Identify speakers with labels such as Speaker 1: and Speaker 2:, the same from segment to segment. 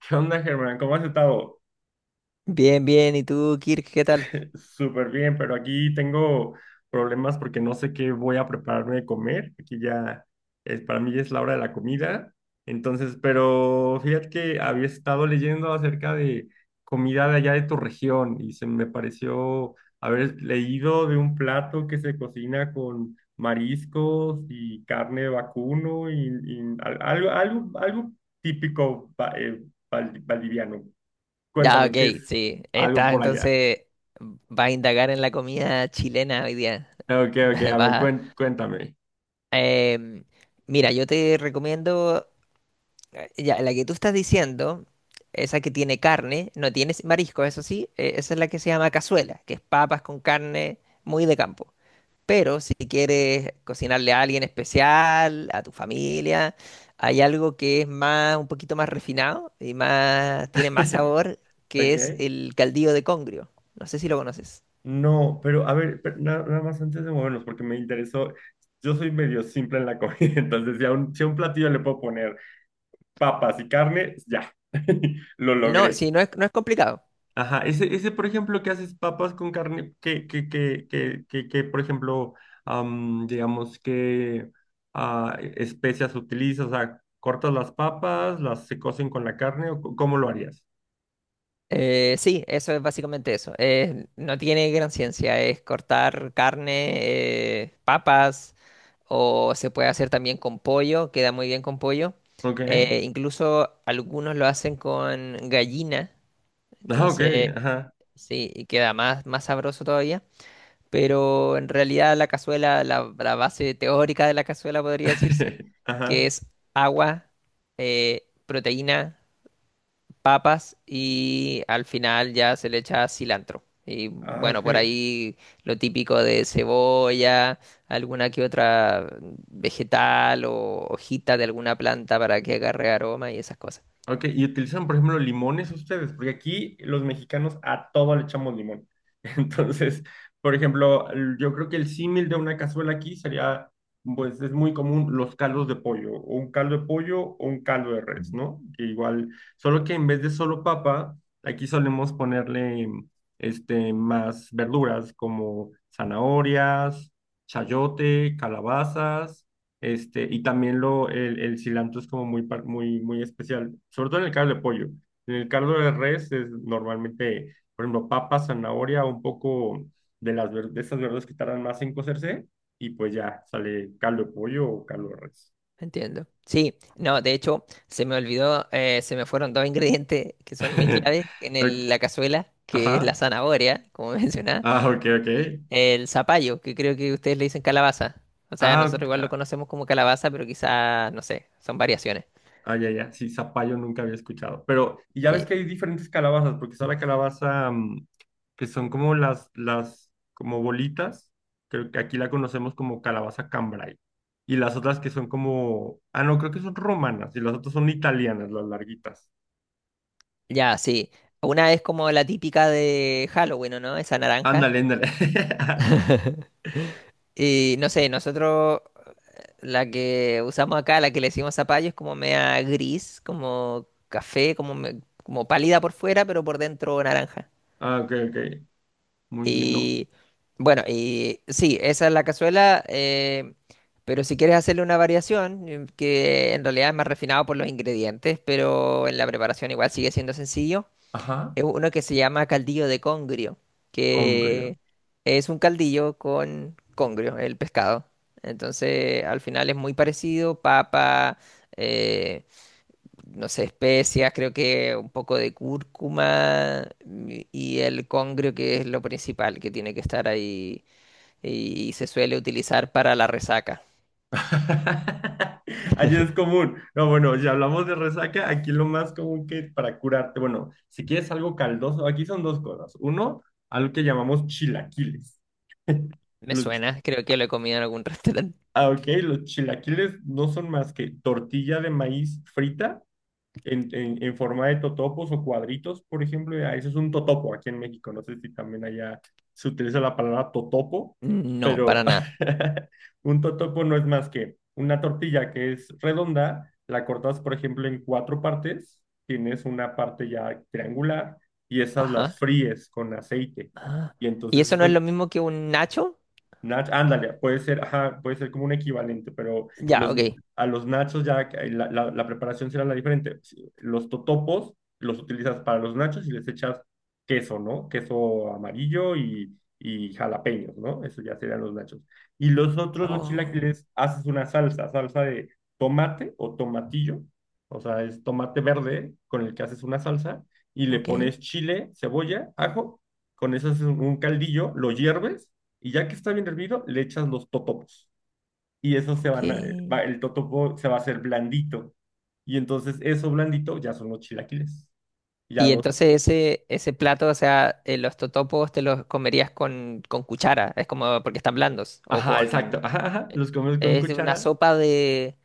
Speaker 1: ¿Qué onda, Germán? ¿Cómo has estado?
Speaker 2: Bien, bien. ¿Y tú, Kirk, qué tal?
Speaker 1: Súper bien, pero aquí tengo problemas porque no sé qué voy a prepararme de comer. Aquí ya es, para mí ya es la hora de la comida. Entonces, pero fíjate que había estado leyendo acerca de comida de allá de tu región y se me pareció haber leído de un plato que se cocina con mariscos y carne de vacuno y algo típico valdiviano.
Speaker 2: Ya,
Speaker 1: Cuéntame,
Speaker 2: ok,
Speaker 1: ¿qué es
Speaker 2: sí.
Speaker 1: algo
Speaker 2: Estás
Speaker 1: por allá?
Speaker 2: entonces, vas a indagar en la comida chilena hoy día.
Speaker 1: Ok, ok,
Speaker 2: Vas
Speaker 1: a ver,
Speaker 2: a-
Speaker 1: cuéntame.
Speaker 2: em, mira, yo te recomiendo, ya, la que tú estás diciendo, esa que tiene carne, no tiene marisco, eso sí, esa es la que se llama cazuela, que es papas con carne muy de campo. Pero si quieres cocinarle a alguien especial, a tu familia, hay algo que es más, un poquito más refinado y más, tiene más sabor, que es
Speaker 1: ¿De
Speaker 2: el caldillo de congrio. No sé si lo conoces.
Speaker 1: No, pero a ver, pero nada más antes de movernos, porque me interesó. Yo soy medio simple en la comida, entonces si a un platillo le puedo poner papas y carne, ya, lo
Speaker 2: No,
Speaker 1: logré.
Speaker 2: sí, no es complicado.
Speaker 1: Ajá, ese, por ejemplo, que haces papas con carne, por ejemplo, digamos que especias utilizas, o sea, cortas las papas, las se cocen con la carne, ¿cómo lo harías?
Speaker 2: Sí, eso es básicamente eso. No tiene gran ciencia. Es cortar carne, papas, o se puede hacer también con pollo, queda muy bien con pollo.
Speaker 1: Ok.
Speaker 2: Incluso algunos lo hacen con gallina.
Speaker 1: Ah, ok,
Speaker 2: Entonces,
Speaker 1: ajá.
Speaker 2: sí, y queda más, más sabroso todavía. Pero en realidad la base teórica de la cazuela podría decirse, que
Speaker 1: Ajá.
Speaker 2: es agua, proteína, papas, y al final ya se le echa cilantro. Y
Speaker 1: Ah,
Speaker 2: bueno,
Speaker 1: ok.
Speaker 2: por ahí lo típico de cebolla, alguna que otra vegetal o hojita de alguna planta para que agarre aroma y esas cosas.
Speaker 1: Ok, y utilizan, por ejemplo, limones ustedes, porque aquí los mexicanos a todo le echamos limón. Entonces, por ejemplo, yo creo que el símil de una cazuela aquí sería, pues es muy común los caldos de pollo, o un caldo de pollo o un caldo de res, ¿no? Que igual, solo que en vez de solo papa, aquí solemos ponerle este, más verduras como zanahorias, chayote, calabazas. Este, y también el cilantro es como muy, muy, muy especial, sobre todo en el caldo de pollo. En el caldo de res es normalmente, por ejemplo, papa, zanahoria, un poco de esas verduras que tardan más en cocerse, y pues ya sale caldo de pollo o caldo de res.
Speaker 2: Entiendo. Sí, no, de hecho, se me olvidó, se me fueron dos ingredientes que son muy claves en
Speaker 1: Ok,
Speaker 2: el- la cazuela, que es la
Speaker 1: ajá.
Speaker 2: zanahoria, como mencionaba,
Speaker 1: Ah, ok, ok.
Speaker 2: y el zapallo, que creo que ustedes le dicen calabaza. O sea,
Speaker 1: Ah,
Speaker 2: nosotros igual lo
Speaker 1: ok.
Speaker 2: conocemos como calabaza, pero quizá, no sé, son variaciones.
Speaker 1: Ah, ya, ya, sí, zapallo nunca había escuchado. Pero, y ya ves
Speaker 2: Sí,
Speaker 1: que hay diferentes calabazas, porque está la calabaza que son como como bolitas, creo que aquí la conocemos como calabaza cambray. Y las otras que son como, ah, no, creo que son romanas, y las otras son italianas, las larguitas.
Speaker 2: ya, sí. Una es como la típica de Halloween, ¿o no? Esa naranja.
Speaker 1: Ándale, ándale.
Speaker 2: Y no sé, nosotros la que usamos acá, la que le decimos zapallo, es como media gris, como café, como, me- como pálida por fuera, pero por dentro naranja.
Speaker 1: Ah, ok, ok, muy bien, ¿no?
Speaker 2: Y bueno, y sí, esa es la cazuela, pero si quieres hacerle una variación, que en realidad es más refinado por los ingredientes, pero en la preparación igual sigue siendo sencillo,
Speaker 1: Ajá,
Speaker 2: es uno que se llama caldillo de congrio,
Speaker 1: congrio.
Speaker 2: que es un caldillo con congrio, el pescado. Entonces, al final es muy parecido, papa, eh, no sé, especias, creo que un poco de cúrcuma y el congrio, que es lo principal que tiene que estar ahí, y se suele utilizar para la resaca.
Speaker 1: Allí es común. No, bueno, si hablamos de resaca, aquí lo más común que para curarte, bueno, si quieres algo caldoso, aquí son dos cosas. Uno, algo que llamamos chilaquiles.
Speaker 2: Me
Speaker 1: Los,
Speaker 2: suena, creo que lo he comido en algún restaurante.
Speaker 1: ah, ok, los chilaquiles no son más que tortilla de maíz frita en forma de totopos o cuadritos, por ejemplo, ya, eso es un totopo aquí en México. No sé si también allá se utiliza la palabra totopo,
Speaker 2: No,
Speaker 1: pero
Speaker 2: para nada.
Speaker 1: un totopo no es más que una tortilla que es redonda, la cortas, por ejemplo, en cuatro partes, tienes una parte ya triangular y esas las
Speaker 2: Ajá.
Speaker 1: fríes con aceite.
Speaker 2: Ah.
Speaker 1: Y
Speaker 2: ¿Y
Speaker 1: entonces
Speaker 2: eso no
Speaker 1: eso
Speaker 2: es lo mismo que un nacho?
Speaker 1: Ándale, puede ser, ajá, puede ser como un equivalente, pero
Speaker 2: Ya,
Speaker 1: los,
Speaker 2: ok.
Speaker 1: a los nachos ya que la preparación será la diferente. Si- los totopos los utilizas para los nachos y les echas queso, ¿no? Queso amarillo y jalapeños, ¿no? Eso ya serían los nachos. Y los otros, los
Speaker 2: Oh,
Speaker 1: chilaquiles, haces una salsa, salsa de tomate o tomatillo, o sea, es tomate verde con el que haces una salsa y le
Speaker 2: ok,
Speaker 1: pones chile, cebolla, ajo, con eso haces un caldillo, lo hierves y ya que está bien hervido, le echas los totopos. Y eso se van a- va-
Speaker 2: ok.
Speaker 1: el totopo se va a hacer blandito. Y entonces eso blandito ya son los chilaquiles. Ya
Speaker 2: Y
Speaker 1: los...
Speaker 2: entonces ese plato, o sea, los totopos te los comerías con cuchara, es como porque están blandos, o
Speaker 1: Ajá, exacto.
Speaker 2: con...
Speaker 1: Ajá, ajá. Los comes con
Speaker 2: Es de una
Speaker 1: cuchara
Speaker 2: sopa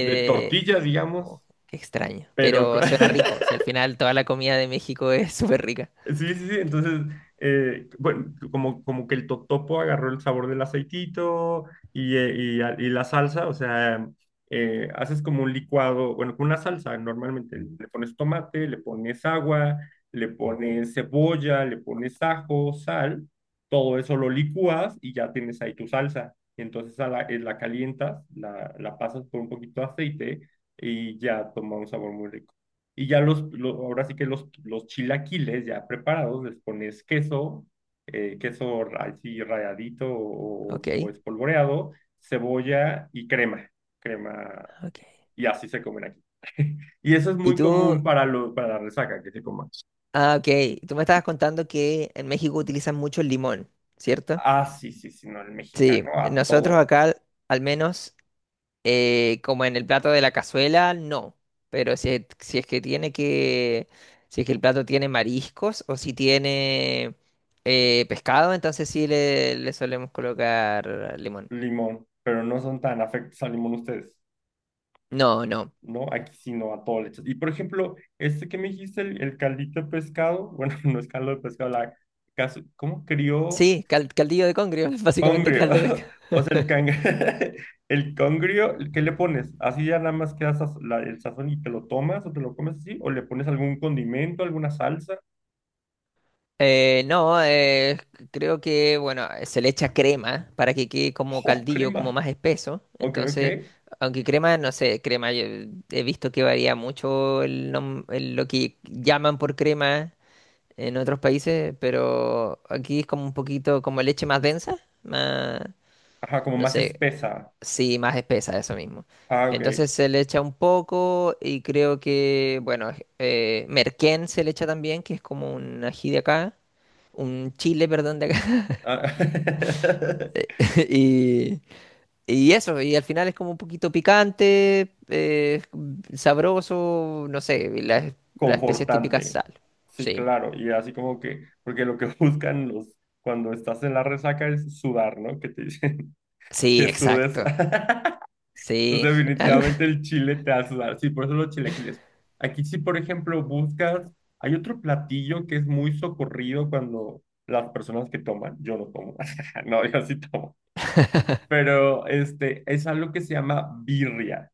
Speaker 1: de tortilla, digamos,
Speaker 2: oh, qué extraño,
Speaker 1: pero... co-
Speaker 2: pero suena rico, si al final toda la comida de México es súper rica.
Speaker 1: Sí, sí, sí. Entonces, bueno, como, como que el totopo agarró el sabor del aceitito y la salsa, o sea, haces como un licuado, bueno, con una salsa, normalmente le pones tomate, le pones agua, le pones cebolla, le pones ajo, sal, todo eso lo licúas y ya tienes ahí tu salsa. Entonces a la, la calientas, la pasas por un poquito de aceite y ya toma un sabor muy rico. Y ya ahora sí que los chilaquiles ya preparados, les pones queso, así ralladito
Speaker 2: Ok,
Speaker 1: o espolvoreado, cebolla y crema, crema,
Speaker 2: ok.
Speaker 1: y así se comen aquí. Y eso es
Speaker 2: Y
Speaker 1: muy
Speaker 2: tú,
Speaker 1: común para, lo, para la resaca, que se coman
Speaker 2: ah, ok, tú me estabas contando que en México utilizan mucho el limón, ¿cierto?
Speaker 1: Ah, sí, sí, sí, no, el
Speaker 2: Sí,
Speaker 1: mexicano a
Speaker 2: nosotros
Speaker 1: todo
Speaker 2: acá, al menos... como en el plato de la cazuela, no. Pero si, es- si es que tiene que, si es que el plato tiene mariscos o si tiene pescado, entonces sí le solemos colocar limón.
Speaker 1: limón, pero no son tan afectos al limón ustedes.
Speaker 2: No, no.
Speaker 1: ¿No? Aquí sí no, a todo le echas. Y por ejemplo, este que me dijiste, el caldito de pescado, bueno, no es caldo de pescado, la casu- ¿cómo crió?
Speaker 2: Sí, cal- caldillo de congrio, básicamente
Speaker 1: Congrio.
Speaker 2: caldo de pescado.
Speaker 1: O sea, el cang... el congrio, ¿qué le pones? ¿Así ya nada más queda el sazón y te lo tomas o te lo comes así? ¿O le pones algún condimento, alguna salsa?
Speaker 2: No, creo que, bueno, se le echa crema para que quede como
Speaker 1: ¡Oh,
Speaker 2: caldillo, como
Speaker 1: crema!
Speaker 2: más espeso.
Speaker 1: Ok, ok.
Speaker 2: Entonces, aunque crema, no sé, crema, yo he visto que varía mucho el nom- el- lo que llaman por crema en otros países, pero aquí es como un poquito como leche más densa, más,
Speaker 1: Ajá, como
Speaker 2: no
Speaker 1: más
Speaker 2: sé.
Speaker 1: espesa.
Speaker 2: Sí, más espesa, eso mismo.
Speaker 1: Ah, ok.
Speaker 2: Entonces se le echa un poco y creo que, bueno, merquén se le echa también, que es como un ají de acá, un chile, perdón, de acá.
Speaker 1: Ah.
Speaker 2: Y, y eso, y al final es como un poquito picante, sabroso, no sé, y las especias típicas
Speaker 1: Confortante.
Speaker 2: sal.
Speaker 1: Sí,
Speaker 2: Sí,
Speaker 1: claro. Y así como que, porque lo que buscan los, cuando estás en la resaca es sudar, ¿no? Que te dicen
Speaker 2: sí,
Speaker 1: que sudes.
Speaker 2: exacto. Sí,
Speaker 1: Entonces,
Speaker 2: algo.
Speaker 1: definitivamente el chile te hace sudar. Sí, por eso los chilaquiles. Aquí sí, por ejemplo, buscas, hay otro platillo que es muy socorrido cuando las personas que toman, yo no tomo. No, yo sí tomo. Pero este, es algo que se llama birria.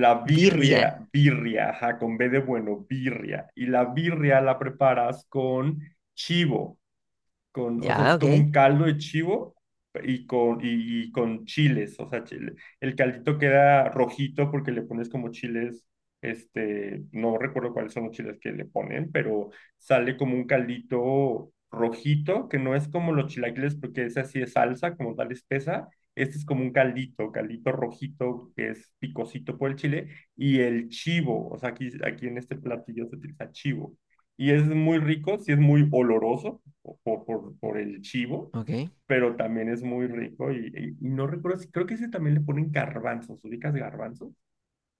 Speaker 1: La
Speaker 2: Birria.
Speaker 1: birria, birria, ajá, con B de bueno, birria. Y la birria la preparas con chivo con, o sea,
Speaker 2: Ya,
Speaker 1: es
Speaker 2: ok.
Speaker 1: como un caldo de chivo y con chiles, o sea, chile. El caldito queda rojito porque le pones como chiles, este, no recuerdo cuáles son los chiles que le ponen, pero sale como un caldito rojito, que no es como los chilaquiles porque ese así es salsa, como tal espesa. Este es como un caldito, caldito rojito que es picosito por el chile y el chivo, o sea, aquí, aquí en este platillo se utiliza chivo y es muy rico, sí es muy oloroso, por el chivo,
Speaker 2: Ok.
Speaker 1: pero también es muy rico y no recuerdo, si- creo que ese también le ponen garbanzos, ¿ubicas garbanzos?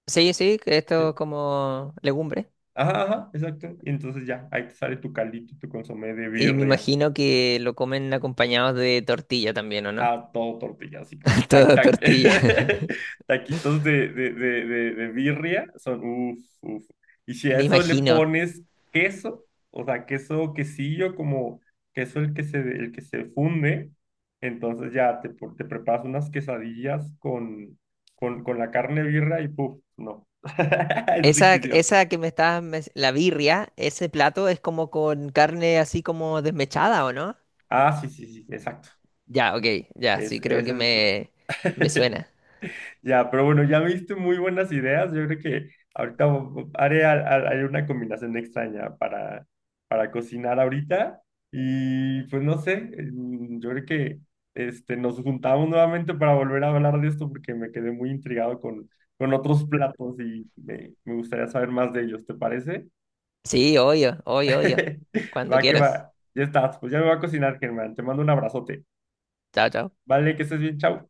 Speaker 2: Sí, sí, que esto
Speaker 1: Sí.
Speaker 2: es como legumbre.
Speaker 1: Ajá, ajá, exacto. Y entonces ya, ahí te sale tu caldito y tu consomé de
Speaker 2: Y me
Speaker 1: birria.
Speaker 2: imagino que lo comen acompañados de tortilla también, ¿o no?
Speaker 1: Ah, todo tortillas, sí, claro. Ta-
Speaker 2: Todo
Speaker 1: ta-
Speaker 2: tortilla.
Speaker 1: Taquitos de birria son uff, uff. Y si a
Speaker 2: Me
Speaker 1: eso le
Speaker 2: imagino.
Speaker 1: pones queso, o sea, queso quesillo, como queso el que se funde, entonces ya te, por- te preparas unas quesadillas con la carne de birria y puff, no. Es
Speaker 2: Esa,
Speaker 1: riquísimo.
Speaker 2: esa que me estabas, mes- la birria, ese plato es como con carne así como desmechada, ¿o no?
Speaker 1: Ah, sí, sí, sí, exacto.
Speaker 2: Ya, ok, ya,
Speaker 1: Es,
Speaker 2: sí, creo
Speaker 1: ese
Speaker 2: que
Speaker 1: es.
Speaker 2: me suena.
Speaker 1: Ya, pero bueno, ya me diste muy buenas ideas. Yo creo que ahorita vo- haré, al- al- haré una combinación extraña para cocinar ahorita. Y pues no sé, yo creo que este, nos juntamos nuevamente para volver a hablar de esto porque me quedé muy intrigado con otros platos y me gustaría saber más de ellos, ¿te parece?
Speaker 2: Sí, obvio, obvio, obvio. Cuando
Speaker 1: Va que va,
Speaker 2: quieras.
Speaker 1: ya estás, pues ya me va a cocinar, Germán. Te mando un abrazote.
Speaker 2: Chao, chao.
Speaker 1: Vale, que estés bien, chao.